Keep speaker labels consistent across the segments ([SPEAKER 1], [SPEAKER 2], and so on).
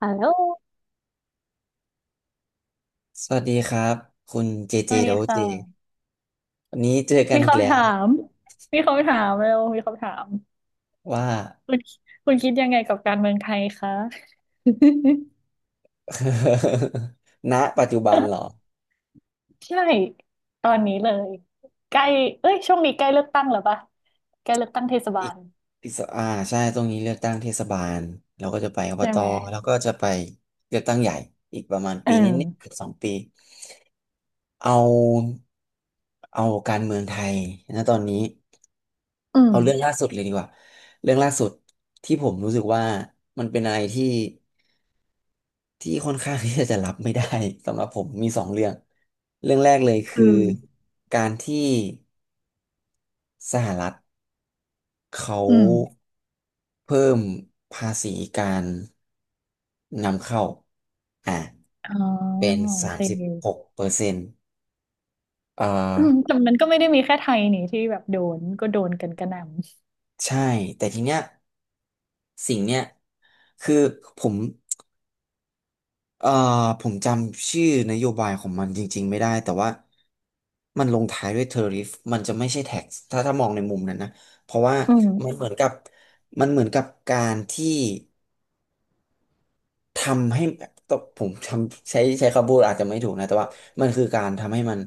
[SPEAKER 1] ฮัลโหล
[SPEAKER 2] สวัสดีครับคุณเจ
[SPEAKER 1] ส
[SPEAKER 2] เจ
[SPEAKER 1] วัส
[SPEAKER 2] โด
[SPEAKER 1] ดี
[SPEAKER 2] เจ
[SPEAKER 1] ค่ะ
[SPEAKER 2] วันนี้เจอกัน
[SPEAKER 1] มี
[SPEAKER 2] อีก
[SPEAKER 1] คำ
[SPEAKER 2] แล้
[SPEAKER 1] ถา
[SPEAKER 2] ว
[SPEAKER 1] มมีคำถามเร็วมีคำถาม
[SPEAKER 2] ว่า
[SPEAKER 1] คุณคุณคิดยังไงกับการเมืองไทยคะ
[SPEAKER 2] ณปัจจุบันเหรอ
[SPEAKER 1] ใช่ตอนนี้เลยใกล้เอ้ยช่วงนี้ใกล้เลือกตั้งแล้วปะใกล้เลือกตั้งเทศบา
[SPEAKER 2] อีก
[SPEAKER 1] ล
[SPEAKER 2] อีกสอ่าใช่ตรงนี้เลือกตั้งเทศบาลเราก็จะไปอบ
[SPEAKER 1] ใช่
[SPEAKER 2] ต
[SPEAKER 1] ไหม
[SPEAKER 2] แล้วก็จะไปเลือกตั้งใหญ่อีกประมาณ
[SPEAKER 1] เอ
[SPEAKER 2] ปีนิดๆเกือ
[SPEAKER 1] อ
[SPEAKER 2] บสองปีเอาเอาการเมืองไทยนะตอนนี้
[SPEAKER 1] อื
[SPEAKER 2] เอาเรื่องล่า
[SPEAKER 1] ม
[SPEAKER 2] สุดเลยดีกว่าเรื่องล่าสุดที่ผมรู้สึกว่ามันเป็นอะไรที่ ค่อนข้างที่จะรับไม่ได้สำหรับผมมีสองเรื่องเรื่องแรกเลย
[SPEAKER 1] คื
[SPEAKER 2] คือ
[SPEAKER 1] อ
[SPEAKER 2] การที่สหรัฐเขา
[SPEAKER 1] อืม
[SPEAKER 2] เพิ่มภาษีการนำเข้าอ่า
[SPEAKER 1] อ๋อ
[SPEAKER 2] เป็น
[SPEAKER 1] โอ
[SPEAKER 2] สาม
[SPEAKER 1] เค
[SPEAKER 2] สิบหกเปอร์เซ็นต์อ่
[SPEAKER 1] อืม
[SPEAKER 2] า
[SPEAKER 1] แต่มันก็ไม่ได้มีแค่ไทยนี่ที่แบบโดนก็โดนกันกระหน่
[SPEAKER 2] ใช่แต่ทีเนี้ยสิ่งเนี้ยคือผม เอ่อผมจำชื่อนโยบายของมันจริงๆไม่ได้แต่ว่ามันลงท้ายด้วย tariff มันจะไม่ใช่ tax ถ้ามองในมุมนั้นนะเพราะว่า
[SPEAKER 1] ำอืม
[SPEAKER 2] มันเหมือนกับมันเหมือนกับการที่ทำให้ต้องผมทำใช้คำพูดอาจจะไม่ถูกนะแต่ว่ามันคือการทำให้มัน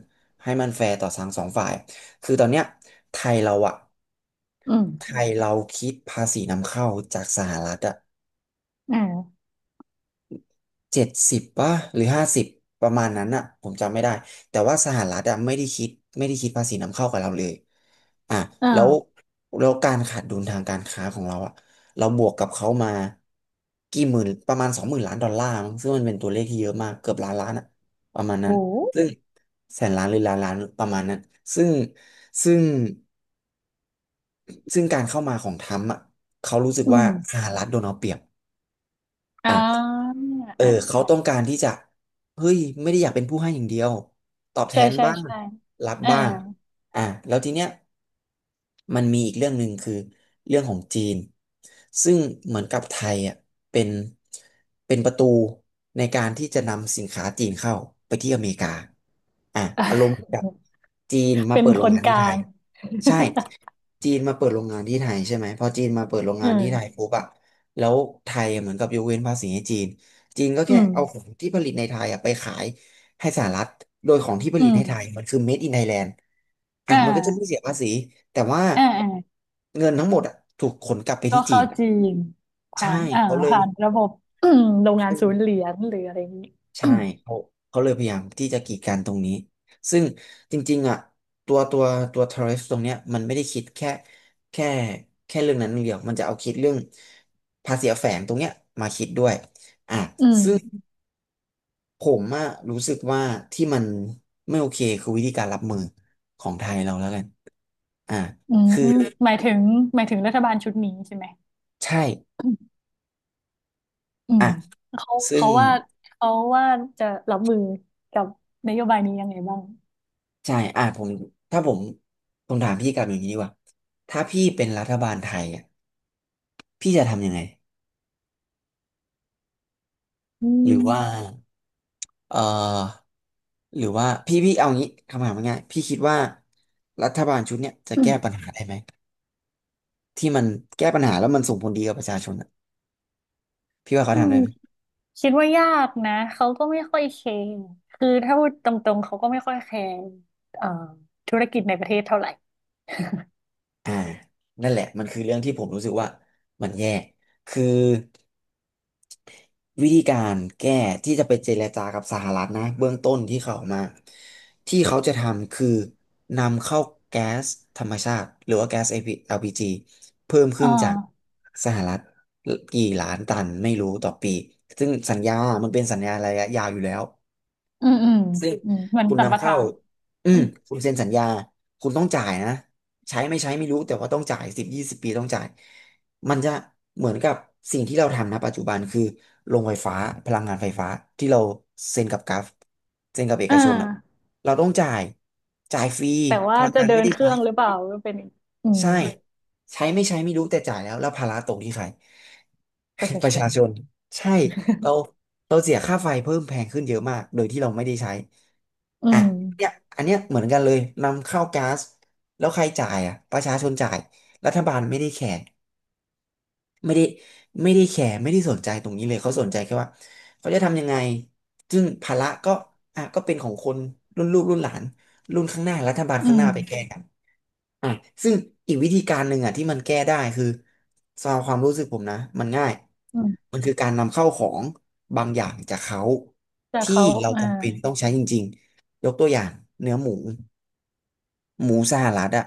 [SPEAKER 2] แฟร์ต่อทั้งสองฝ่ายคือตอนเนี้ยไทยเราอะ
[SPEAKER 1] อืม
[SPEAKER 2] ไทยเราคิดภาษีนำเข้าจากสหรัฐอะ
[SPEAKER 1] อ่า
[SPEAKER 2] เจ็ดสิบป่ะหรือห้าสิบประมาณนั้นอะผมจำไม่ได้แต่ว่าสหรัฐอะไม่ได้คิดภาษีนำเข้ากับเราเลยอ่ะ
[SPEAKER 1] อ
[SPEAKER 2] แล้ว
[SPEAKER 1] ่า
[SPEAKER 2] แล้วการขาดดุลทางการค้าของเราอะเราบวกกับเขามากี่หมื่นประมาณ20,000 ล้านดอลลาร์มั้งซึ่งมันเป็นตัวเลขที่เยอะมากเกือบล้านล้านอะประมาณนั้น
[SPEAKER 1] โอ้
[SPEAKER 2] ซึ่งแสนล้านหรือล้านล้านประมาณนั้นซึ่งซึ่งซึ่งการเข้ามาของทรัมป์อะเขารู้สึก
[SPEAKER 1] อื
[SPEAKER 2] ว่าส
[SPEAKER 1] ม
[SPEAKER 2] หรัฐโดนเอาเปรียบ
[SPEAKER 1] อ่
[SPEAKER 2] อ่ะ
[SPEAKER 1] า
[SPEAKER 2] เออ
[SPEAKER 1] อ่า
[SPEAKER 2] เขาต้องการที่จะเฮ้ยไม่ได้อยากเป็นผู้ให้อย่างเดียวตอบแท
[SPEAKER 1] ใช่
[SPEAKER 2] น
[SPEAKER 1] ใช่
[SPEAKER 2] บ้าง
[SPEAKER 1] ใช่
[SPEAKER 2] รับ
[SPEAKER 1] อ่า
[SPEAKER 2] บ้างอ่ะแล้วทีเนี้ย มันมีอีกเรื่องหนึ่งคือเรื่องของจีนซึ่งเหมือนกับไทยอ่ะเป็นเป็นประตูในการที่จะนำสินค้าจีนเข้าไปที่อเมริกาอ่ะอารมณ์กับจีน มา
[SPEAKER 1] เป็น
[SPEAKER 2] เปิดโร
[SPEAKER 1] ค
[SPEAKER 2] ง
[SPEAKER 1] น
[SPEAKER 2] งาน
[SPEAKER 1] ก
[SPEAKER 2] ที่
[SPEAKER 1] ลา
[SPEAKER 2] ไทย
[SPEAKER 1] ง
[SPEAKER 2] ใช่จีนมาเปิดโรงงานที่ไทยใช่ไหมพอจีนมาเปิดโรง
[SPEAKER 1] อื
[SPEAKER 2] งาน
[SPEAKER 1] ม
[SPEAKER 2] ที่ไทยปุ๊บอ่ะแล้วไทยเหมือนกับยกเว้นภาษีให้จีนจีนก็
[SPEAKER 1] อื
[SPEAKER 2] แค่
[SPEAKER 1] ม
[SPEAKER 2] เอาของที่ผลิตในไทยอ่ะไปขาย ให้สหรัฐโดยของที่ผ
[SPEAKER 1] อื
[SPEAKER 2] ลิตให้ไทย
[SPEAKER 1] ม
[SPEAKER 2] มันคือ Made in Thailand อ่ะ
[SPEAKER 1] อ่
[SPEAKER 2] มันก็จะไม่
[SPEAKER 1] า
[SPEAKER 2] เสียภาษีแต่ว่า
[SPEAKER 1] อ่าอ่า
[SPEAKER 2] เงินทั้งหมดอ่ะถูกขนกลับไป
[SPEAKER 1] ก็
[SPEAKER 2] ที่จี
[SPEAKER 1] เข้า
[SPEAKER 2] น
[SPEAKER 1] จีนผ่า
[SPEAKER 2] ใช่
[SPEAKER 1] นอ่า
[SPEAKER 2] เขาเลย
[SPEAKER 1] ผ่านระบบ โรงงาน
[SPEAKER 2] อื
[SPEAKER 1] ศู
[SPEAKER 2] ม
[SPEAKER 1] นย์เหรียญหรืออะไรอย่างนี้
[SPEAKER 2] ใช่ เขาเขาเลยพยายามที่จะกีดกันตรงนี้ ซึ่งจริงๆอ่ะตัวตัวตัว tariff ตรงเนี้ยมันไม่ได้คิดแค่แค่เรื่องนั้นเรื่องเดียวมันจะเอาคิดเรื่องภาษีแฝงตรงเนี้ยมาคิดด้วยอ่ะ
[SPEAKER 1] อื
[SPEAKER 2] ซึ่ง
[SPEAKER 1] ม
[SPEAKER 2] ผมอะรู้สึกว่าที่มันไม่โอเคคือวิธีการรับมือของไทยเราแล้วกันอ่า
[SPEAKER 1] อืมหมายถึงหมายถึงรัฐบาลชุดนี้ใช่ไหม
[SPEAKER 2] ใช่
[SPEAKER 1] อืม
[SPEAKER 2] อ่ะ
[SPEAKER 1] เขา
[SPEAKER 2] ซึ่ง
[SPEAKER 1] เขาว่าเขาว่าจะรับมือกับนโยบายนี้ยังไงบ้าง
[SPEAKER 2] ใช่อ่ะผมถ้าผมผมถามพี่กลับอย่างนี้ดีกว่าถ้าพี่เป็นรัฐบาลไทยอะพี่จะทำยังไง
[SPEAKER 1] อื
[SPEAKER 2] หรือว่า
[SPEAKER 1] ม
[SPEAKER 2] เอ่อหรือว่าพี่เอางี้คำถามง่ายๆพี่คิดว่ารัฐบาลชุดเนี้ยจะ
[SPEAKER 1] อ
[SPEAKER 2] แก้ปัญหาได้ไหมที่มันแก้ปัญหาแล้วมันส่งผลดีกับประชาชนอะพี่
[SPEAKER 1] ื
[SPEAKER 2] ว่าเขาทำ
[SPEAKER 1] ม
[SPEAKER 2] ได้ไหม
[SPEAKER 1] คิดว่ายากนะเขาก็ไม่ค่อยแคร์คือถ้าพูดตรงๆเขาก็ไม่ค่อยแคร์เอ่อธุรกิจในประเทศเท่าไหร่
[SPEAKER 2] อ่านั่นแหละมันคือเรื่องที่ผมรู้สึกว่ามันแย่คือวิธีการแก้ที่จะไปเจรจากับสหรัฐนะเบื้องต้นที่เขาออกมาที่เขาจะทำคือนำเข้าแก๊สธรรมชาติหรือว่าแก๊ส LP ีแอลพีจ g เพิ่ม
[SPEAKER 1] อ่
[SPEAKER 2] ขึ้นจาก
[SPEAKER 1] า
[SPEAKER 2] สหรัฐกี่ล้านตันไม่รู้ต่อปีซึ่งสัญญามันเป็นสัญญาระยะยาวอยู่แล้ว
[SPEAKER 1] อืมอืม
[SPEAKER 2] ซึ่ง
[SPEAKER 1] อืมเหมือน
[SPEAKER 2] คุณ
[SPEAKER 1] สัมป
[SPEAKER 2] นำเข้า
[SPEAKER 1] ทาน
[SPEAKER 2] อื
[SPEAKER 1] อื
[SPEAKER 2] ม
[SPEAKER 1] ม
[SPEAKER 2] คุณเซ็นสัญญาคุณต้องจ่ายนะใช้ไม่ใช้ไม่รู้แต่ว่าต้องจ่าย10-20 ปีต้องจ่ายมันจะเหมือนกับสิ่งที่เราทำนะปัจจุบันคือโรงไฟฟ้าพลังงานไฟฟ้าที่เราเซ็นกับกราฟเซ็นกับเอ
[SPEAKER 1] อ่
[SPEAKER 2] กชนอ่ะ
[SPEAKER 1] า
[SPEAKER 2] เราต้องจ่ายจ่ายฟรี
[SPEAKER 1] แต่
[SPEAKER 2] พ
[SPEAKER 1] ว่า
[SPEAKER 2] ลัง
[SPEAKER 1] จะ
[SPEAKER 2] งาน
[SPEAKER 1] เดิ
[SPEAKER 2] ไม่
[SPEAKER 1] น
[SPEAKER 2] ได้
[SPEAKER 1] เค
[SPEAKER 2] ใช้
[SPEAKER 1] รื่องหรือเปล่าก็เป็นอีกอืม
[SPEAKER 2] ใช่ใช้ไม่ใช้ไม่รู้แต่จ่ายแล้วแล้วภาระตกที่ใคร
[SPEAKER 1] ประชา
[SPEAKER 2] ป
[SPEAKER 1] ช
[SPEAKER 2] ระชา
[SPEAKER 1] น
[SPEAKER 2] ชนใช่เราเราเสียค่าไฟเพิ่มแพงขึ้นเยอะมากโดยที่เราไม่ได้ใช้
[SPEAKER 1] อื
[SPEAKER 2] อ่ะ
[SPEAKER 1] ม
[SPEAKER 2] เนี่ยอันเนี้ยเหมือนกันเลยนำเข้าก๊าซแล้วใครจ่ายอ่ะประชาชนจ่ายรัฐบาลไม่ได้แคร์ไม่ได้ไม่ได้แคร์ไม่ได้สนใจตรงนี้เลยเขาสนใจแค่ว่าเขาจะทำยังไงซึ่งภาระก็ก็เป็นของคนรุ่นลูกรุ่นหลานรุ่นข้างหน้ารัฐบาลข้า
[SPEAKER 1] อื
[SPEAKER 2] งห
[SPEAKER 1] ม
[SPEAKER 2] น้าไปแก้กันอ่ะซึ่งอีกวิธีการหนึ่งอ่ะที่มันแก้ได้คือสำหรับความรู้สึกผมนะมันง่าย
[SPEAKER 1] อืม
[SPEAKER 2] มันคือการนำเข้าของบางอย่างจากเขา
[SPEAKER 1] แต่
[SPEAKER 2] ที่
[SPEAKER 1] เขา
[SPEAKER 2] เรา
[SPEAKER 1] อ่า
[SPEAKER 2] จำเป็นต้องใช้จริงๆยกตัวอย่างเนื้อหมู หมูสหรัฐอะ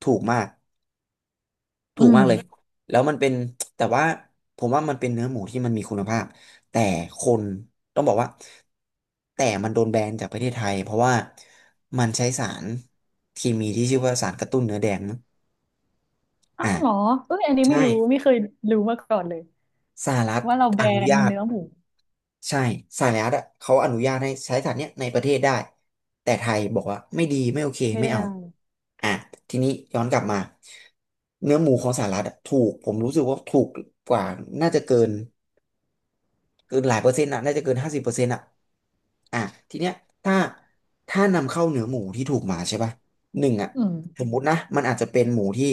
[SPEAKER 2] ถูกมากถู
[SPEAKER 1] อื
[SPEAKER 2] ก
[SPEAKER 1] ม
[SPEAKER 2] มากเลยแล้วมันเป็นแต่ว่าผมว่ามันเป็นเนื้อหมูที่มันมีคุณภาพแต่คนต้องบอกว่าแต่มันโดนแบนจากประเทศไทยเพราะว่ามันใช้สารเคมีที่ชื่อว่าสารกระตุ้นเนื้อแดงมั้ง
[SPEAKER 1] อ้า
[SPEAKER 2] อ่า
[SPEAKER 1] วเหรอเอ้ยอันนี้
[SPEAKER 2] ใช่
[SPEAKER 1] ไม่รู้ไม่เคยรู้มาก่อนเลย
[SPEAKER 2] สหรัฐ
[SPEAKER 1] ว่าเราแบ
[SPEAKER 2] อนุ
[SPEAKER 1] น
[SPEAKER 2] ญาต
[SPEAKER 1] เนื้อหมู
[SPEAKER 2] ใช่สายลัดอะเขาอนุญาตให้ใช้สัตว์เนี้ยในประเทศได้แต่ไทยบอกว่าไม่ดีไม่โอเค
[SPEAKER 1] ไม่
[SPEAKER 2] ไม่
[SPEAKER 1] ได้
[SPEAKER 2] เอาอ่ะทีนี้ย้อนกลับมาเนื้อหมูของสหรัฐอะถูกผมรู้สึกว่าถูกกว่าน่าจะเกิน หลายเปอร์เซ็นต์อ่ะน่าจะเกิน50%อ่ะอ่ะทีเนี้ยถ้า ถ้านำเข้าเนื้อหมูที่ถูกมาใช่ป่ะหนึ่งอ่ะ
[SPEAKER 1] อื
[SPEAKER 2] ส
[SPEAKER 1] ม
[SPEAKER 2] มมุตินะมันอาจจะเป็นหมูที่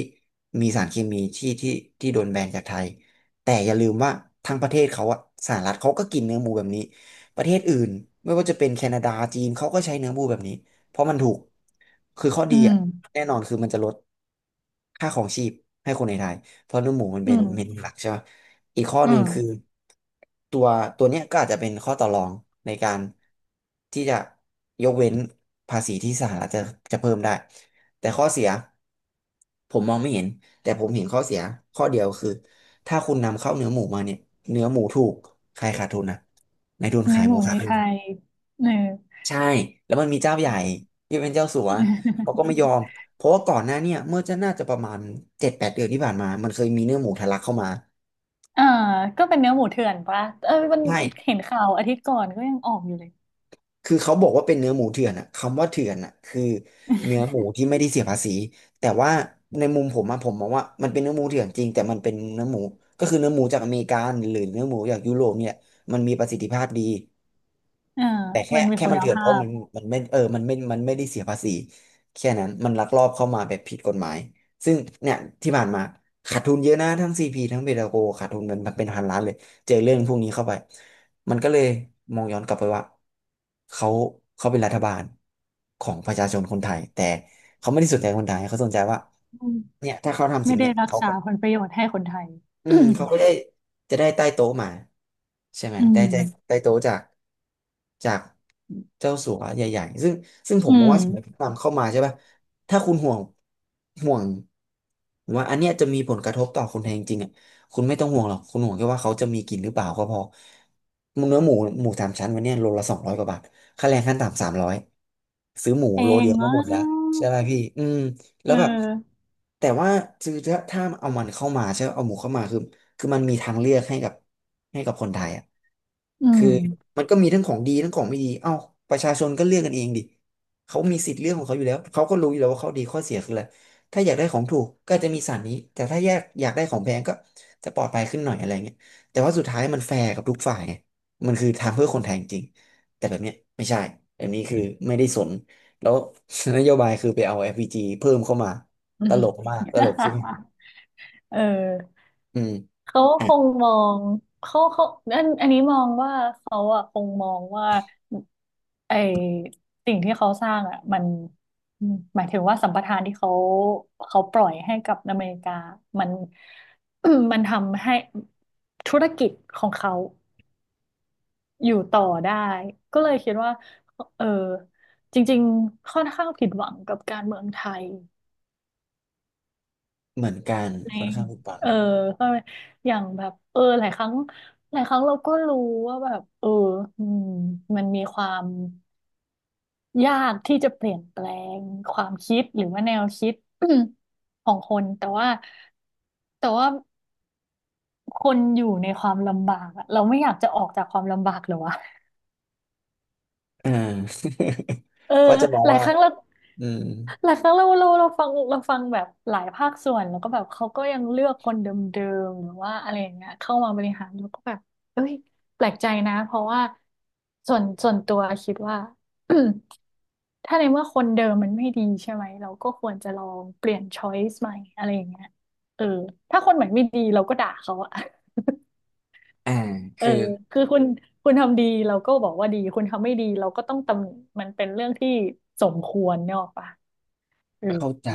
[SPEAKER 2] มีสารเคมีที่โดนแบนจากไทยแต่อย่าลืมว่าทางประเทศเขาอ่ะสหรัฐเขาก็กินเนื้อหมูแบบนี้ประเทศอื่นไม่ว่าจะเป็นแคนาดาจีนเขาก็ใช้เนื้อหมูแบบนี้เพราะมันถูกคือข้อดี
[SPEAKER 1] อืม
[SPEAKER 2] อ่ะแน่นอนคือมันจะลดค่าของชีพให้คนในไทยเพราะเนื้อหมูมัน
[SPEAKER 1] อื
[SPEAKER 2] เป็น
[SPEAKER 1] ม
[SPEAKER 2] เมนูหลักใช่ปะ อีกข้อ
[SPEAKER 1] อื
[SPEAKER 2] หนึ่ง
[SPEAKER 1] ม
[SPEAKER 2] คือตัวตัวเนี้ยก็อาจจะเป็นข้อต่อรองในการที่จะยกเว้นภาษีที่สหรัฐจะเพิ่มได้แต่ข้อเสียผมมองไม่เห็นแต่ผมเห็นข้อเสียข้อเดียวคือถ้าคุณนำเข้าเนื้อหมูมาเนี่ยเนื้อหมูถูกใครขาดทุนนะนายทุน
[SPEAKER 1] เนื้
[SPEAKER 2] ขา
[SPEAKER 1] อ
[SPEAKER 2] ย
[SPEAKER 1] ห
[SPEAKER 2] หมู
[SPEAKER 1] มูใน
[SPEAKER 2] ขาดทุ
[SPEAKER 1] ไทย
[SPEAKER 2] น
[SPEAKER 1] เออ
[SPEAKER 2] ใช่แล้วมันมีเจ้าใหญ่ที่เป็นเจ้าสัวเขาก็ไม่ยอมเพราะว่าก่อนหน้าเนี่ยเมื่อจะน่าจะประมาณ7-8 เดือนที่ผ่านมามันเคยมีเนื้อหมูทะลักเข้ามา
[SPEAKER 1] อ่าก็เป็นเนื้อหมูเถื่อนปะเออมัน
[SPEAKER 2] ใช่
[SPEAKER 1] เห็นข่าวอาทิตย์ก่อนก็ยังออกอยู่เลย
[SPEAKER 2] คือเขาบอกว่าเป็นเนื้อหมูเถื่อนอะคำว่าเถื่อนอะคือเนื้อหมูที่ไม่ได้เสียภาษีแต่ว่าในมุมผมอะผมมองว่ามันเป็นเนื้อหมูเถื่อนจริงแต่มันเป็นเนื้อหมูก็คือเนื้อหมูจากอเมริกันหรือเนื้อหมูจากยุโรปเนี่ยมันมีประสิทธิภาพดี
[SPEAKER 1] อ่า
[SPEAKER 2] แต่
[SPEAKER 1] มันมี
[SPEAKER 2] แค่
[SPEAKER 1] คุ
[SPEAKER 2] มั
[SPEAKER 1] ณ
[SPEAKER 2] นเถื่อนเพ
[SPEAKER 1] ภา
[SPEAKER 2] ราะ
[SPEAKER 1] พ
[SPEAKER 2] มันไม่เออมันไม่มันไม่ได้เสียภาษีแค่นั้นมันลักลอบเข้ามาแบบผิดกฎหมายซึ่งเนี่ยที่ผ่านมาขาดทุนเยอะนะทั้งซีพีทั้งเบตาโกขาดทุนเป็นพันล้านเลยเจอเรื่องพวกนี้เข้าไปมันก็เลยมองย้อนกลับไปว่าเขาเขาเป็นรัฐบาลของประชาชนคนไทยแต่เขาไม่ได้สนใจคนไทยเขาสนใจว่า
[SPEAKER 1] อืม
[SPEAKER 2] เนี่ยถ้าเขาทำ
[SPEAKER 1] ไม่
[SPEAKER 2] สิ่ง
[SPEAKER 1] ได้
[SPEAKER 2] เนี่ย
[SPEAKER 1] รัก
[SPEAKER 2] เขา
[SPEAKER 1] ษาผลประโยชน์ให้คนไทย
[SPEAKER 2] อื มเขาก็ได้จะได้ใต้โต๊ะมาใช่ไหม
[SPEAKER 1] อื
[SPEAKER 2] ได้
[SPEAKER 1] ม
[SPEAKER 2] ใต้โต๊ะจากเจ้าสัวใหญ่ๆซึ่งผ
[SPEAKER 1] อื
[SPEAKER 2] มมอง
[SPEAKER 1] ม
[SPEAKER 2] ว่าสมัยนำเข้ามาใช่ป่ะถ้าคุณห่วงห่วงว่าอันเนี้ยจะมีผลกระทบต่อคนไทยจริงๆอ่ะคุณไม่ต้องห่วงหรอกคุณห่วงแค่ว่าเขาจะมีกินหรือเปล่าก็พอเนื้อหมูหมูสามชั้นวันเนี้ยโลละ200 กว่าบาทค่าแรงขั้นต่ำ300ซื้อหมู
[SPEAKER 1] เพล
[SPEAKER 2] โลเดี
[SPEAKER 1] ง
[SPEAKER 2] ยวก็
[SPEAKER 1] มา
[SPEAKER 2] หมดแล้วใช่
[SPEAKER 1] ก
[SPEAKER 2] ไหมพี่อืม แล้
[SPEAKER 1] เอ
[SPEAKER 2] วแบบ
[SPEAKER 1] อ
[SPEAKER 2] แต่ว่าคือถ้าเอามันเข้ามาใช่ไหมเอาหมูเข้ามาคือคือมันมีทางเลือกให้กับให้กับคนไทยอ่ะ
[SPEAKER 1] อืม
[SPEAKER 2] คือมันก็มีทั้งของดีทั้งของไม่ดีเอ้าประชาชนก็เลือกกันเองดิเขามีสิทธิ์เลือกของเขาอยู่แล้วเขาก็รู้อยู่แล้วว่าเขาดีข้อเสียคืออะไรถ้าอยากได้ของถูกก็จะมีสารนี้แต่ถ้าอยากได้ของแพงก็จะปลอดภัยขึ้นหน่อยอะไรเงี้ยแต่ว่าสุดท้ายมันแฟร์กับทุกฝ่ายไงมันคือทำเพื่อคนไทยจริงๆแต่แบบเนี้ยไม่ใช่แบบนี้คือไม่ได้สน แล้ว นโยบายคือไปเอา FPG เพิ่มเข้ามาตลกมากตลกใช่ไหม
[SPEAKER 1] เออ
[SPEAKER 2] อืม
[SPEAKER 1] เขา
[SPEAKER 2] อ่ะ
[SPEAKER 1] คงมองเขาอันนี้มองว่าเขาอะคงมองว่าไอสิ่งที่เขาสร้างอะมันหมายถึงว่าสัมปทานที่เขาปล่อยให้กับอเมริกามัน มันทำให้ธุรกิจของเขาอยู่ต่อได้ก็เลยคิดว่าเออจริงๆค่อนข้างผิดหวังกับการเมืองไทย
[SPEAKER 2] เหมือนกัน
[SPEAKER 1] เอ
[SPEAKER 2] ค่อน
[SPEAKER 1] ง
[SPEAKER 2] ข้างผุดบัง
[SPEAKER 1] เออเข้าใจอย่างแบบเออหลายครั้งเราก็รู้ว่าแบบเอออืมมันมีความยากที่จะเปลี่ยนแปลงความคิดหรือว่าแนวคิด ของคนแต่ว่าคนอยู่ในความลำบากอะเราไม่อยากจะออกจากความลำบากเหรอวะ
[SPEAKER 2] อ่า
[SPEAKER 1] เออ
[SPEAKER 2] เขาจะมอง
[SPEAKER 1] หลาย
[SPEAKER 2] ว่า
[SPEAKER 1] ครั้งเรา
[SPEAKER 2] อืม
[SPEAKER 1] หลายครั้งเราฟังเราฟังแบบหลายภาคส่วนแล้วก็แบบเขาก็ยังเลือกคนเดิมๆหรือว่าอะไรอย่างเงี้ยเข้ามาบริหารแล้วก็แบบเอ้ยแปลกใจนะเพราะว่าส่วนตัวคิดว่า ถ้าในเมื่อคนเดิมมันไม่ดีใช่ไหมเราก็ควรจะลองเปลี่ยนช้อยส์ใหม่อะไรอย่างเงี้ยเออถ้าคนใหม่ไม่ดีเราก็ด่าเขาอะ
[SPEAKER 2] อ่า
[SPEAKER 1] เออ
[SPEAKER 2] คือ
[SPEAKER 1] คือคุณทำดีเราก็บอกว่าดี คุณทำไม่ดีเราก็ต้องตำหนิมันเป็นเรื่องที่สมควรเนกอะปะ
[SPEAKER 2] เข้าใจ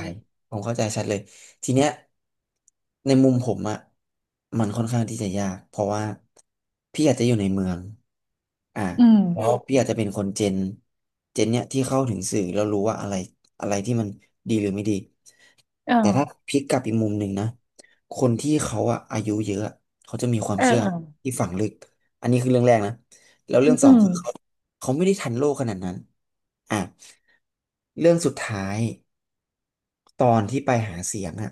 [SPEAKER 2] ผมเข้าใจชัดเลยทีเนี้ยในมุมผมอะมันค่อนข้างที่จะยากเพราะว่าพี่อาจจะอยู่ในเมืองอ่า
[SPEAKER 1] อืม
[SPEAKER 2] แล้วพี่อาจจะเป็นคนเจนเนี้ยที่เข้าถึงสื่อแล้วรู้ว่าอะไรอะไรที่มันดีหรือไม่ดี
[SPEAKER 1] เออ
[SPEAKER 2] แต่ถ้าพลิกกลับอีกมุมหนึ่งนะคนที่เขาอะอายุเยอะอะเขาจะมีความ
[SPEAKER 1] เออ
[SPEAKER 2] เชื่อ
[SPEAKER 1] เออ
[SPEAKER 2] ที่ฝังลึกอันนี้คือเรื่องแรกนะแล้ว
[SPEAKER 1] อื
[SPEAKER 2] เรื่อ
[SPEAKER 1] ม
[SPEAKER 2] งส
[SPEAKER 1] อื
[SPEAKER 2] อง
[SPEAKER 1] ม
[SPEAKER 2] คือเขาไม่ได้ทันโลกขนาดนั้นอ่ะเรื่องสุดท้าย ตอนที่ไปหาเสียงอ่ะ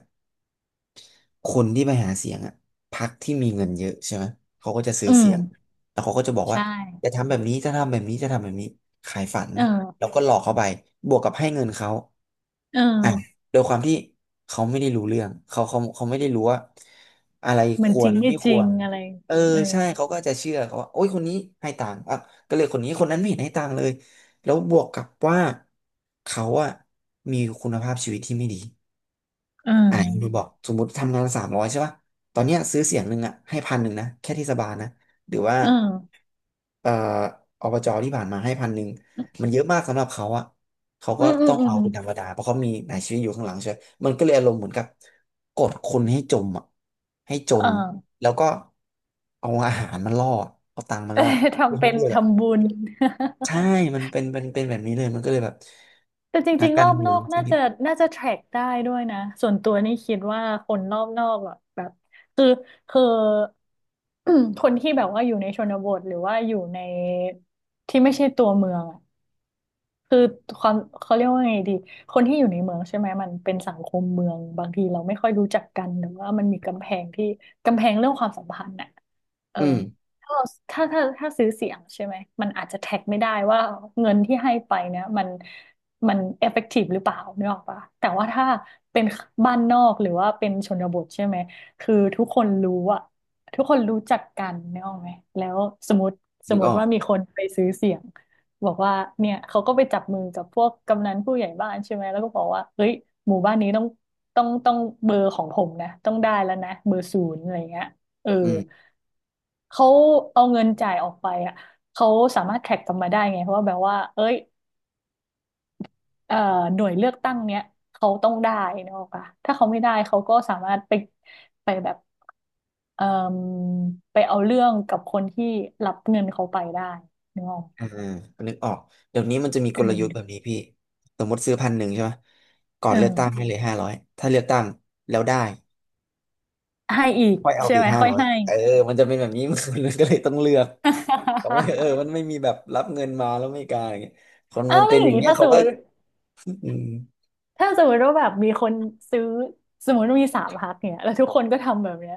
[SPEAKER 2] คนที่ไปหาเสียงอ่ะพรรคที่มีเงินเยอะใช่ไหมเขาก็จะซื้
[SPEAKER 1] อื
[SPEAKER 2] อ
[SPEAKER 1] ม
[SPEAKER 2] เสียงแล้วเขาก็จะบอกว่า
[SPEAKER 1] ใช่
[SPEAKER 2] จะทำแบบนี้จะทำแบบนี้จะทำแบบนี้ขายฝัน
[SPEAKER 1] เอ
[SPEAKER 2] แล้ว
[SPEAKER 1] อ
[SPEAKER 2] ก็หลอกเขาไปบวกกับให้เงินเขา
[SPEAKER 1] เออ
[SPEAKER 2] อ่ะโดยความที่เขาไม่ได้รู้เรื่องเขาไม่ได้รู้ว่าอะไร
[SPEAKER 1] เห
[SPEAKER 2] ค
[SPEAKER 1] มัน
[SPEAKER 2] ว
[SPEAKER 1] จริ
[SPEAKER 2] ร
[SPEAKER 1] งไม่
[SPEAKER 2] ไม่ค
[SPEAKER 1] จริ
[SPEAKER 2] ว
[SPEAKER 1] ง
[SPEAKER 2] ร
[SPEAKER 1] อะไร
[SPEAKER 2] เออ
[SPEAKER 1] เออ
[SPEAKER 2] ใช่เขาก็จะเชื่อเขาว่าโอ้ยคนนี้ให้ตังค์อ่ะก็เลยคนนี้คนนั้นไม่เห็นให้ตังค์เลยแล้วบวกกับว่าเขาอะมีคุณภาพชีวิตที่ไม่ดี
[SPEAKER 1] เอ
[SPEAKER 2] อ่าคุณบ
[SPEAKER 1] อ
[SPEAKER 2] อกสมมติทำงานสามร้อยใช่ป่ะตอนเนี้ยซื้อเสียงหนึ่งอ่ะให้พันหนึ่งนะแค่เทศบาลนะหรือว่า
[SPEAKER 1] เออ
[SPEAKER 2] เอ่ออบจที่ผ่านมาให้พันหนึ่งมันเยอะมากสำหรับเขาอ่ะเขา
[SPEAKER 1] อื
[SPEAKER 2] ก็
[SPEAKER 1] มอืม
[SPEAKER 2] ต้อง
[SPEAKER 1] อื
[SPEAKER 2] เอา
[SPEAKER 1] ม
[SPEAKER 2] เป็นธรรมดาเพราะเขามีนายชีวิตอยู่ข้างหลังใช่ไหมมันก็เลยอารมณ์เหมือนกับกดคนให้จมอ่ะให้จ
[SPEAKER 1] เออ
[SPEAKER 2] น แล้วก็เอาอาหารมาล่อเอาตังค์มา
[SPEAKER 1] เออ
[SPEAKER 2] ล่อเพื่อ
[SPEAKER 1] ทำ
[SPEAKER 2] ให้
[SPEAKER 1] เป็น
[SPEAKER 2] เลือกอะ
[SPEAKER 1] ทำบุญ
[SPEAKER 2] ใช่มันเป็นแบบนี้เลยมันก็เลยแบบ
[SPEAKER 1] แต่จ
[SPEAKER 2] นั
[SPEAKER 1] ริ
[SPEAKER 2] ก
[SPEAKER 1] งๆร
[SPEAKER 2] กา
[SPEAKER 1] อ
[SPEAKER 2] ร
[SPEAKER 1] บ
[SPEAKER 2] เมื
[SPEAKER 1] น
[SPEAKER 2] อ
[SPEAKER 1] อ
[SPEAKER 2] ง
[SPEAKER 1] ก
[SPEAKER 2] ที่
[SPEAKER 1] น่าจะ t ทร c กได้ด้วยนะส่วนตัวนี่คิดว่าคนรอบนอกอะแบบคือคือ คนที่แบบว่าอยู่ในชนบทหรือว่าอยู่ในที่ไม่ใช่ตัวเมืองอะ คือความเขาเรียกว่าไงดีคนที่อยู่ในเมืองใช่ไหมมันเป็นสังคมเมืองบางทีเราไม่ค่อยรู้จักกันหรือว่ามันมีกำแพงที่กำแพงเรื่องความสัมพันธ์น่ะเออ
[SPEAKER 2] อืม
[SPEAKER 1] ถ้าเราถ้าซื้อเสียงใช่ไหมมันอาจจะแท็กไม่ได้ว่าเงินที่ให้ไปเนี่ยมันมันเอฟเฟกตีฟหรือเปล่านึกออกปะแต่ว่าถ้าเป็นบ้านนอกหรือว่าเป็นชนบทใช่ไหมคือทุกคนรู้อะทุกคนรู้จักกันนึกออกไหมแล้วสมมติส
[SPEAKER 2] นึ
[SPEAKER 1] ม
[SPEAKER 2] ก
[SPEAKER 1] ม
[SPEAKER 2] อ
[SPEAKER 1] ติ
[SPEAKER 2] อก
[SPEAKER 1] ว่ามีคนไปซื้อเสียง บอกว่าเนี่ยเขาก็ไปจับมือกับพวกกำนันผู้ใหญ่บ้านใช่ไหมแล้วก็บอกว่าเฮ้ยหมู่บ้านนี้ต้องเบอร์ของผมนะต้องได้แล้วนะเบอร์ศูนย์อะไรเงี้ยเออ
[SPEAKER 2] อืม
[SPEAKER 1] เขาเอาเงินจ่ายออกไปอ่ะเขาสามารถแท็กกลับมาได้ไงเพราะว่าแบบว่าเอ้ยเอ่อหน่วยเลือกตั้งเนี้ยเขาต้องได้นะออกปะถ้าเขาไม่ได้เขาก็สามารถไปแบบเอ่อไปเอาเรื่องกับคนที่รับเงินเขาไปได้นึกออก
[SPEAKER 2] อ่านึกออกเดี๋ยวนี้มันจะมี
[SPEAKER 1] เอ
[SPEAKER 2] กลยุทธ์แบบ
[SPEAKER 1] อ
[SPEAKER 2] นี้พี่สมมติซื้อพันหนึ่งใช่ไหม ก่อนเลือกตั้ง
[SPEAKER 1] เออ
[SPEAKER 2] ให้เลยห้าร้อยถ้าเลือกตั้งแล้วได้
[SPEAKER 1] ให้อีก
[SPEAKER 2] ค่อยเอา
[SPEAKER 1] ใช่
[SPEAKER 2] ไปอี
[SPEAKER 1] ไหม
[SPEAKER 2] กห้า
[SPEAKER 1] ค่อย
[SPEAKER 2] ร้อย
[SPEAKER 1] ให้
[SPEAKER 2] เออมันจะเป็นแบบนี้ มันก็เลยต้องเลือกเขาไม่เออ มันไม่มีแบบรับเงินมาแล้วไม่กล้าอย่างเงี้ยคน
[SPEAKER 1] อ้า
[SPEAKER 2] มั
[SPEAKER 1] ว
[SPEAKER 2] น
[SPEAKER 1] แล้
[SPEAKER 2] เป็
[SPEAKER 1] ว
[SPEAKER 2] น
[SPEAKER 1] อ
[SPEAKER 2] อ
[SPEAKER 1] ย่าง
[SPEAKER 2] ย่าง
[SPEAKER 1] นี้
[SPEAKER 2] เงี้ย
[SPEAKER 1] ถ้าส
[SPEAKER 2] เขา
[SPEAKER 1] มม
[SPEAKER 2] ก็
[SPEAKER 1] ติ
[SPEAKER 2] อืม
[SPEAKER 1] ถ้าสมมติว่าแบบมีคนซื้อสมมติว่ามีสามพักเนี่ยแล้วทุกคนก็ทำแบบเนี้ย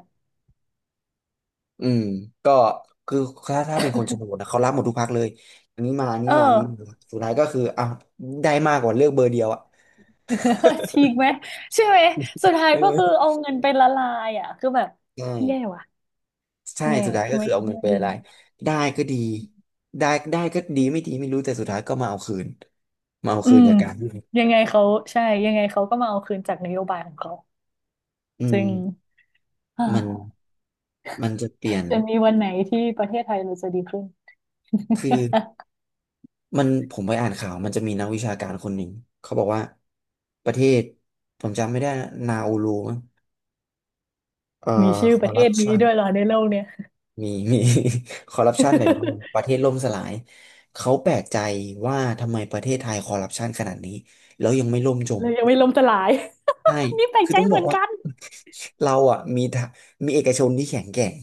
[SPEAKER 2] อืมก็คือถ้าเป็นคนชนบทนะเขารับหมดทุกพรรคเลย อันนี้มาอันนี้
[SPEAKER 1] เอ
[SPEAKER 2] มาอันนี้มา
[SPEAKER 1] อ
[SPEAKER 2] สุดท้ายก็คืออ้าวได้มากกว่าเลือกเบอร์เดียวอ่ะ
[SPEAKER 1] ฉีกไหมใช่ไหมสุด ท้ายก็คือ
[SPEAKER 2] เออ
[SPEAKER 1] เอาเงินไปละลายอ่ะคือแบบ
[SPEAKER 2] ใช่
[SPEAKER 1] แย่ว่ะ
[SPEAKER 2] ใช่
[SPEAKER 1] แย่
[SPEAKER 2] สุดท้ายก็คื
[SPEAKER 1] ไม่
[SPEAKER 2] อเอาเงิน
[SPEAKER 1] ไม่
[SPEAKER 2] ไป
[SPEAKER 1] ดี
[SPEAKER 2] ละลายได้ก็ดีได้ได้ก็ดีไม่ดีไม่รู้แต่สุดท้ายก็มาเอาคืนมาเอา
[SPEAKER 1] อื
[SPEAKER 2] คืน
[SPEAKER 1] ม
[SPEAKER 2] จากการที่
[SPEAKER 1] ยังไงเขาใช่ยังไงเขาก็มาเอาคืนจากนโยบายของเขา
[SPEAKER 2] อืม
[SPEAKER 1] ซึ่ง อ่า
[SPEAKER 2] มันมันจะเปลี่ยน
[SPEAKER 1] จะมีวันไหนที่ประเทศไทยเราจะดีขึ้น
[SPEAKER 2] คือมันผมไปอ่านข่าวมันจะมีนักวิชาการคนหนึ่งเขาบอกว่าประเทศผมจำไม่ได้นะนาอูรูมั้งเอ่อ
[SPEAKER 1] มีชื่อ
[SPEAKER 2] ค
[SPEAKER 1] ป
[SPEAKER 2] อ
[SPEAKER 1] ระ
[SPEAKER 2] ร์
[SPEAKER 1] เท
[SPEAKER 2] รัป
[SPEAKER 1] ศนี้
[SPEAKER 2] ชัน
[SPEAKER 1] ด้วยเหรอในโลกเนี่ย
[SPEAKER 2] มีมี คอร์รัปชันแบบนี้ ประเทศล่มสลายเขาแปลกใจว่าทำไมประเทศไทยคอร์รัปชันขนาดนี้แล้วยังไม่ล่มจ
[SPEAKER 1] เล
[SPEAKER 2] ม
[SPEAKER 1] ยยังไม่ล้มสลาย
[SPEAKER 2] ใช่
[SPEAKER 1] นี่แปลก
[SPEAKER 2] คือ
[SPEAKER 1] ใจ
[SPEAKER 2] ต้อง
[SPEAKER 1] เห
[SPEAKER 2] บ
[SPEAKER 1] มื
[SPEAKER 2] อ
[SPEAKER 1] อ
[SPEAKER 2] ก
[SPEAKER 1] น
[SPEAKER 2] ว่า
[SPEAKER 1] กัน
[SPEAKER 2] เราอ่ะมีทะมีเอกชนที่แข็งแกร่ง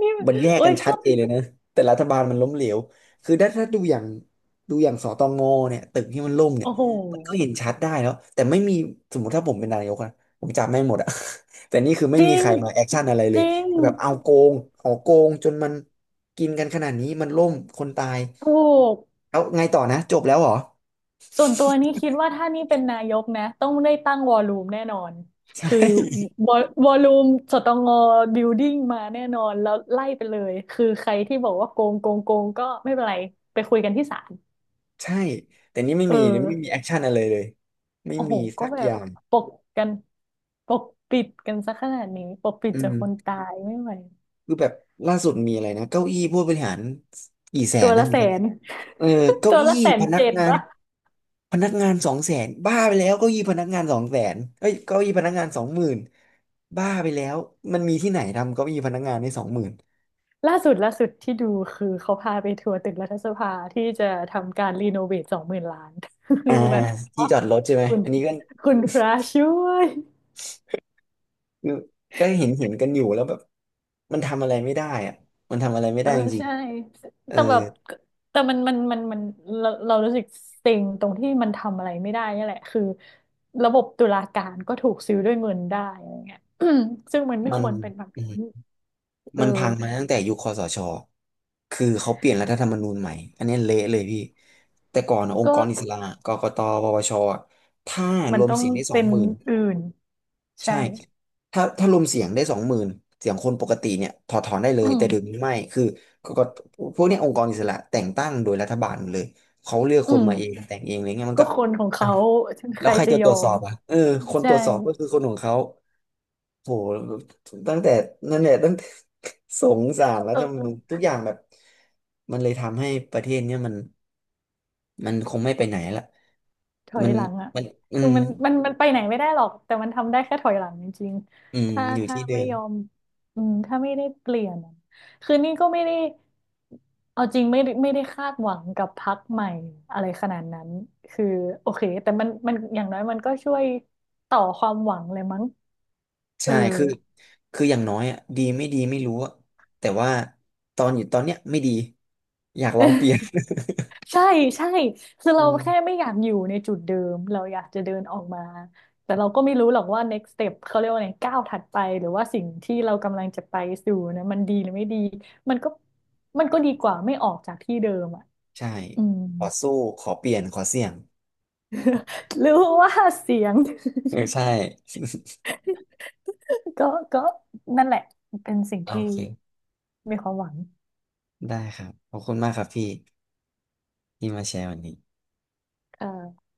[SPEAKER 1] นี่
[SPEAKER 2] มันแยก
[SPEAKER 1] เอ้
[SPEAKER 2] กั
[SPEAKER 1] ย
[SPEAKER 2] นชั
[SPEAKER 1] ก็
[SPEAKER 2] ดเจนเลยนะแต่รัฐบาลมันล้มเหลวคือถ้าดูอย่างสตงเนี่ยตึกที่มันล่มเนี่ย
[SPEAKER 1] โอ้โห
[SPEAKER 2] มันก็เห็นชัดได้แล้วแต่ไม่มีสมมติถ้าผมเป็นนายกอะผมจับแม่งหมดอะ แต่นี่คือไม่
[SPEAKER 1] จ
[SPEAKER 2] มี
[SPEAKER 1] ริ
[SPEAKER 2] ใค
[SPEAKER 1] ง
[SPEAKER 2] รมาแอคชั่นอะไรเล
[SPEAKER 1] จ
[SPEAKER 2] ย
[SPEAKER 1] ริง
[SPEAKER 2] คือแบบเอาโกงหอโกงจนมันกินกันขนาดนี้มันล่มคนตาย
[SPEAKER 1] ถูก
[SPEAKER 2] แล้วไงต่อนะจบแล้วเหรอ
[SPEAKER 1] ส่วนตัวนี่คิดว่าถ้านี่เป็นนายกนะต้องได้ตั้งวอลลุ่มแน่นอน
[SPEAKER 2] ใช
[SPEAKER 1] คือ
[SPEAKER 2] ่
[SPEAKER 1] วอลลุ่มสตงบิลดิ้งมาแน่นอนแล้วไล่ไปเลยคือใครที่บอกว่าโกงโกงโกงก็ไม่เป็นไรไปคุยกันที่ศาล
[SPEAKER 2] ใช่แต่นี่ไม่
[SPEAKER 1] เออ
[SPEAKER 2] มีไม่มีแอคชั่นอะไรเลยไม่
[SPEAKER 1] โอ้โห
[SPEAKER 2] มี
[SPEAKER 1] ก็
[SPEAKER 2] สัก
[SPEAKER 1] แบ
[SPEAKER 2] อ
[SPEAKER 1] บ
[SPEAKER 2] ย่าง
[SPEAKER 1] ปกกันปกปิดกันซะขนาดนี้ปกปิด
[SPEAKER 2] อื
[SPEAKER 1] จากคน
[SPEAKER 2] ม
[SPEAKER 1] ตายไม่ไหว
[SPEAKER 2] คือแบบล่าสุดมีอะไรนะเก้าอี้ผู้บริหารกี่แส
[SPEAKER 1] ตั
[SPEAKER 2] น
[SPEAKER 1] ว
[SPEAKER 2] นะ
[SPEAKER 1] ละ
[SPEAKER 2] เหมือ
[SPEAKER 1] แส
[SPEAKER 2] นกัน
[SPEAKER 1] น
[SPEAKER 2] เออ เก้า
[SPEAKER 1] ตัว
[SPEAKER 2] อี้
[SPEAKER 1] ละแสน
[SPEAKER 2] พนัก
[SPEAKER 1] เจ็ด
[SPEAKER 2] งาน
[SPEAKER 1] ปะ
[SPEAKER 2] สองแสนบ้าไปแล้วเก้าอี้พนักงานสองแสนเอ้ยเก้าอี้พนักงานสองหมื่นบ้าไปแล้วมันมีที่ไหนทำเก้าอี้พนักงานได้สองหมื่น
[SPEAKER 1] ล่าสุดล่าสุดที่ดูคือเขาพาไปทัวร์ตึกรัฐสภาที่จะทำการรีโนเวทสองหมื่นล้าน คื
[SPEAKER 2] อ่า
[SPEAKER 1] อแบบ
[SPEAKER 2] ที่
[SPEAKER 1] เนาะ
[SPEAKER 2] จอดรถใช่ไหม
[SPEAKER 1] คุณ
[SPEAKER 2] อันนี้ก็
[SPEAKER 1] คุณพระช่วย
[SPEAKER 2] ก็เห็นกันอยู่แล้วแบบมันทำอะไรไม่ได้อะมันทำอะไรไม่
[SPEAKER 1] เอ
[SPEAKER 2] ได้
[SPEAKER 1] อ
[SPEAKER 2] จริง
[SPEAKER 1] ใช่
[SPEAKER 2] ๆเออ
[SPEAKER 1] แต่แบบแต่มันเรารู้สึกเซ็งตรงที่มันทำอะไรไม่ได้นี่แหละคือระบบตุลาการก็ถูกซื้อด้วยเงินได้อะไรเงี้ย ซึ่งมันไม่
[SPEAKER 2] มัน
[SPEAKER 1] ควรเป็นแบบนั้นเออ
[SPEAKER 2] มันพังมาตั้งแต่ยุคคสชคือเขาเปลี่ยนรัฐธรรมนูญใหม่อันนี้เละเลยพี่แต่ก่อนอะองค์
[SPEAKER 1] ก็
[SPEAKER 2] กรอิสระกกตปปชอะถ้า
[SPEAKER 1] มั
[SPEAKER 2] ร
[SPEAKER 1] น
[SPEAKER 2] วม
[SPEAKER 1] ต้อง
[SPEAKER 2] เสียงได้สอ
[SPEAKER 1] เป็
[SPEAKER 2] ง
[SPEAKER 1] น
[SPEAKER 2] หมื่น
[SPEAKER 1] อื่นใช่
[SPEAKER 2] ใช่ถ้ารวมเสียงได้สองหมื่นเสียงคนปกติเนี่ยถอดถอนได้เล
[SPEAKER 1] อื
[SPEAKER 2] ย
[SPEAKER 1] ม
[SPEAKER 2] แต่เดี๋ยวนี้ไม่คือกกตพวกเนี้ยองค์กรอิสระแต่งตั้งโดยรัฐบาลหมดเลยเขาเลือก
[SPEAKER 1] อื
[SPEAKER 2] คนมาเอง
[SPEAKER 1] ม
[SPEAKER 2] แต่งเองอะไรเงี้ยมัน
[SPEAKER 1] ก็
[SPEAKER 2] ก็
[SPEAKER 1] คนของ
[SPEAKER 2] อ้า
[SPEAKER 1] เขา
[SPEAKER 2] ว
[SPEAKER 1] ใค
[SPEAKER 2] แล้ว
[SPEAKER 1] ร
[SPEAKER 2] ใคร
[SPEAKER 1] จะ
[SPEAKER 2] จะ
[SPEAKER 1] ย
[SPEAKER 2] ตร
[SPEAKER 1] อ
[SPEAKER 2] วจสอ
[SPEAKER 1] ม
[SPEAKER 2] บอ่ะเออคนต
[SPEAKER 1] ใช่
[SPEAKER 2] รวจสอบก็คือคนของเขา โหตั้งแต่นั่นแหละตั้งแต่ สงสารรั
[SPEAKER 1] เ
[SPEAKER 2] ฐธรรมนูญ
[SPEAKER 1] ออ
[SPEAKER 2] ทุกอย่างแบบมันเลยทำให้ประเทศเนี่ยมันมันคงไม่ไปไหนละ
[SPEAKER 1] ถอย
[SPEAKER 2] มัน
[SPEAKER 1] หลังอ่ะ
[SPEAKER 2] มันอื
[SPEAKER 1] คือ
[SPEAKER 2] ม
[SPEAKER 1] มันไปไหนไม่ได้หรอกแต่มันทำได้แค่ถอยหลังจริง
[SPEAKER 2] อื
[SPEAKER 1] ๆ
[SPEAKER 2] ม
[SPEAKER 1] ถ้า
[SPEAKER 2] อยู่
[SPEAKER 1] ถ้า
[SPEAKER 2] ที่เดิ
[SPEAKER 1] ไม่
[SPEAKER 2] ม
[SPEAKER 1] ยอมอืมถ้าไม่ได้เปลี่ยนอะคือนี่ก็ไม่ได้เอาจริงไม่ได้คาดหวังกับพรรคใหม่อะไรขนาดนั้นคือโอเคแต่มันอย่างน้อยมันก็ช่วยต่อความหวังเลยมั้งเอ
[SPEAKER 2] ใช่
[SPEAKER 1] อ
[SPEAKER 2] คืออย่างน้อยอ่ะดีไม่ดีไม่รู้อะแต่ว่าตอนอยู่ตอนเนี้ยไม่ดีอยากลองเปลี่ยน
[SPEAKER 1] ใช่ใช่คือ
[SPEAKER 2] อื
[SPEAKER 1] เรา
[SPEAKER 2] ม
[SPEAKER 1] แค่ไม่อยากอยู่ในจุดเดิม เราอยากจะเดินออกมา แต่เราก็ไม่รู้หรอกว่า next step เขาเรียกว่าไงก้าวถัดไปหรือว่าสิ่งที่เรากำลังจะไปสู่นะมันดีหรือไม่ดีมันก็มันก็ดีกว่าไม่ออกจากที่เดิมอ่ะ
[SPEAKER 2] ใช่
[SPEAKER 1] อืม
[SPEAKER 2] ขอสู้ขอเปลี่ยนขอเสี่ยง
[SPEAKER 1] รู้ว่าเสียง
[SPEAKER 2] เออใช่
[SPEAKER 1] ก็ก็นั่นแหละเป็นสิ่ง
[SPEAKER 2] โอ
[SPEAKER 1] ที่
[SPEAKER 2] เค
[SPEAKER 1] มีความหวัง
[SPEAKER 2] ได้ครับขอบคุณมากครับพี่ที่มาแชร์วันนี้
[SPEAKER 1] เออ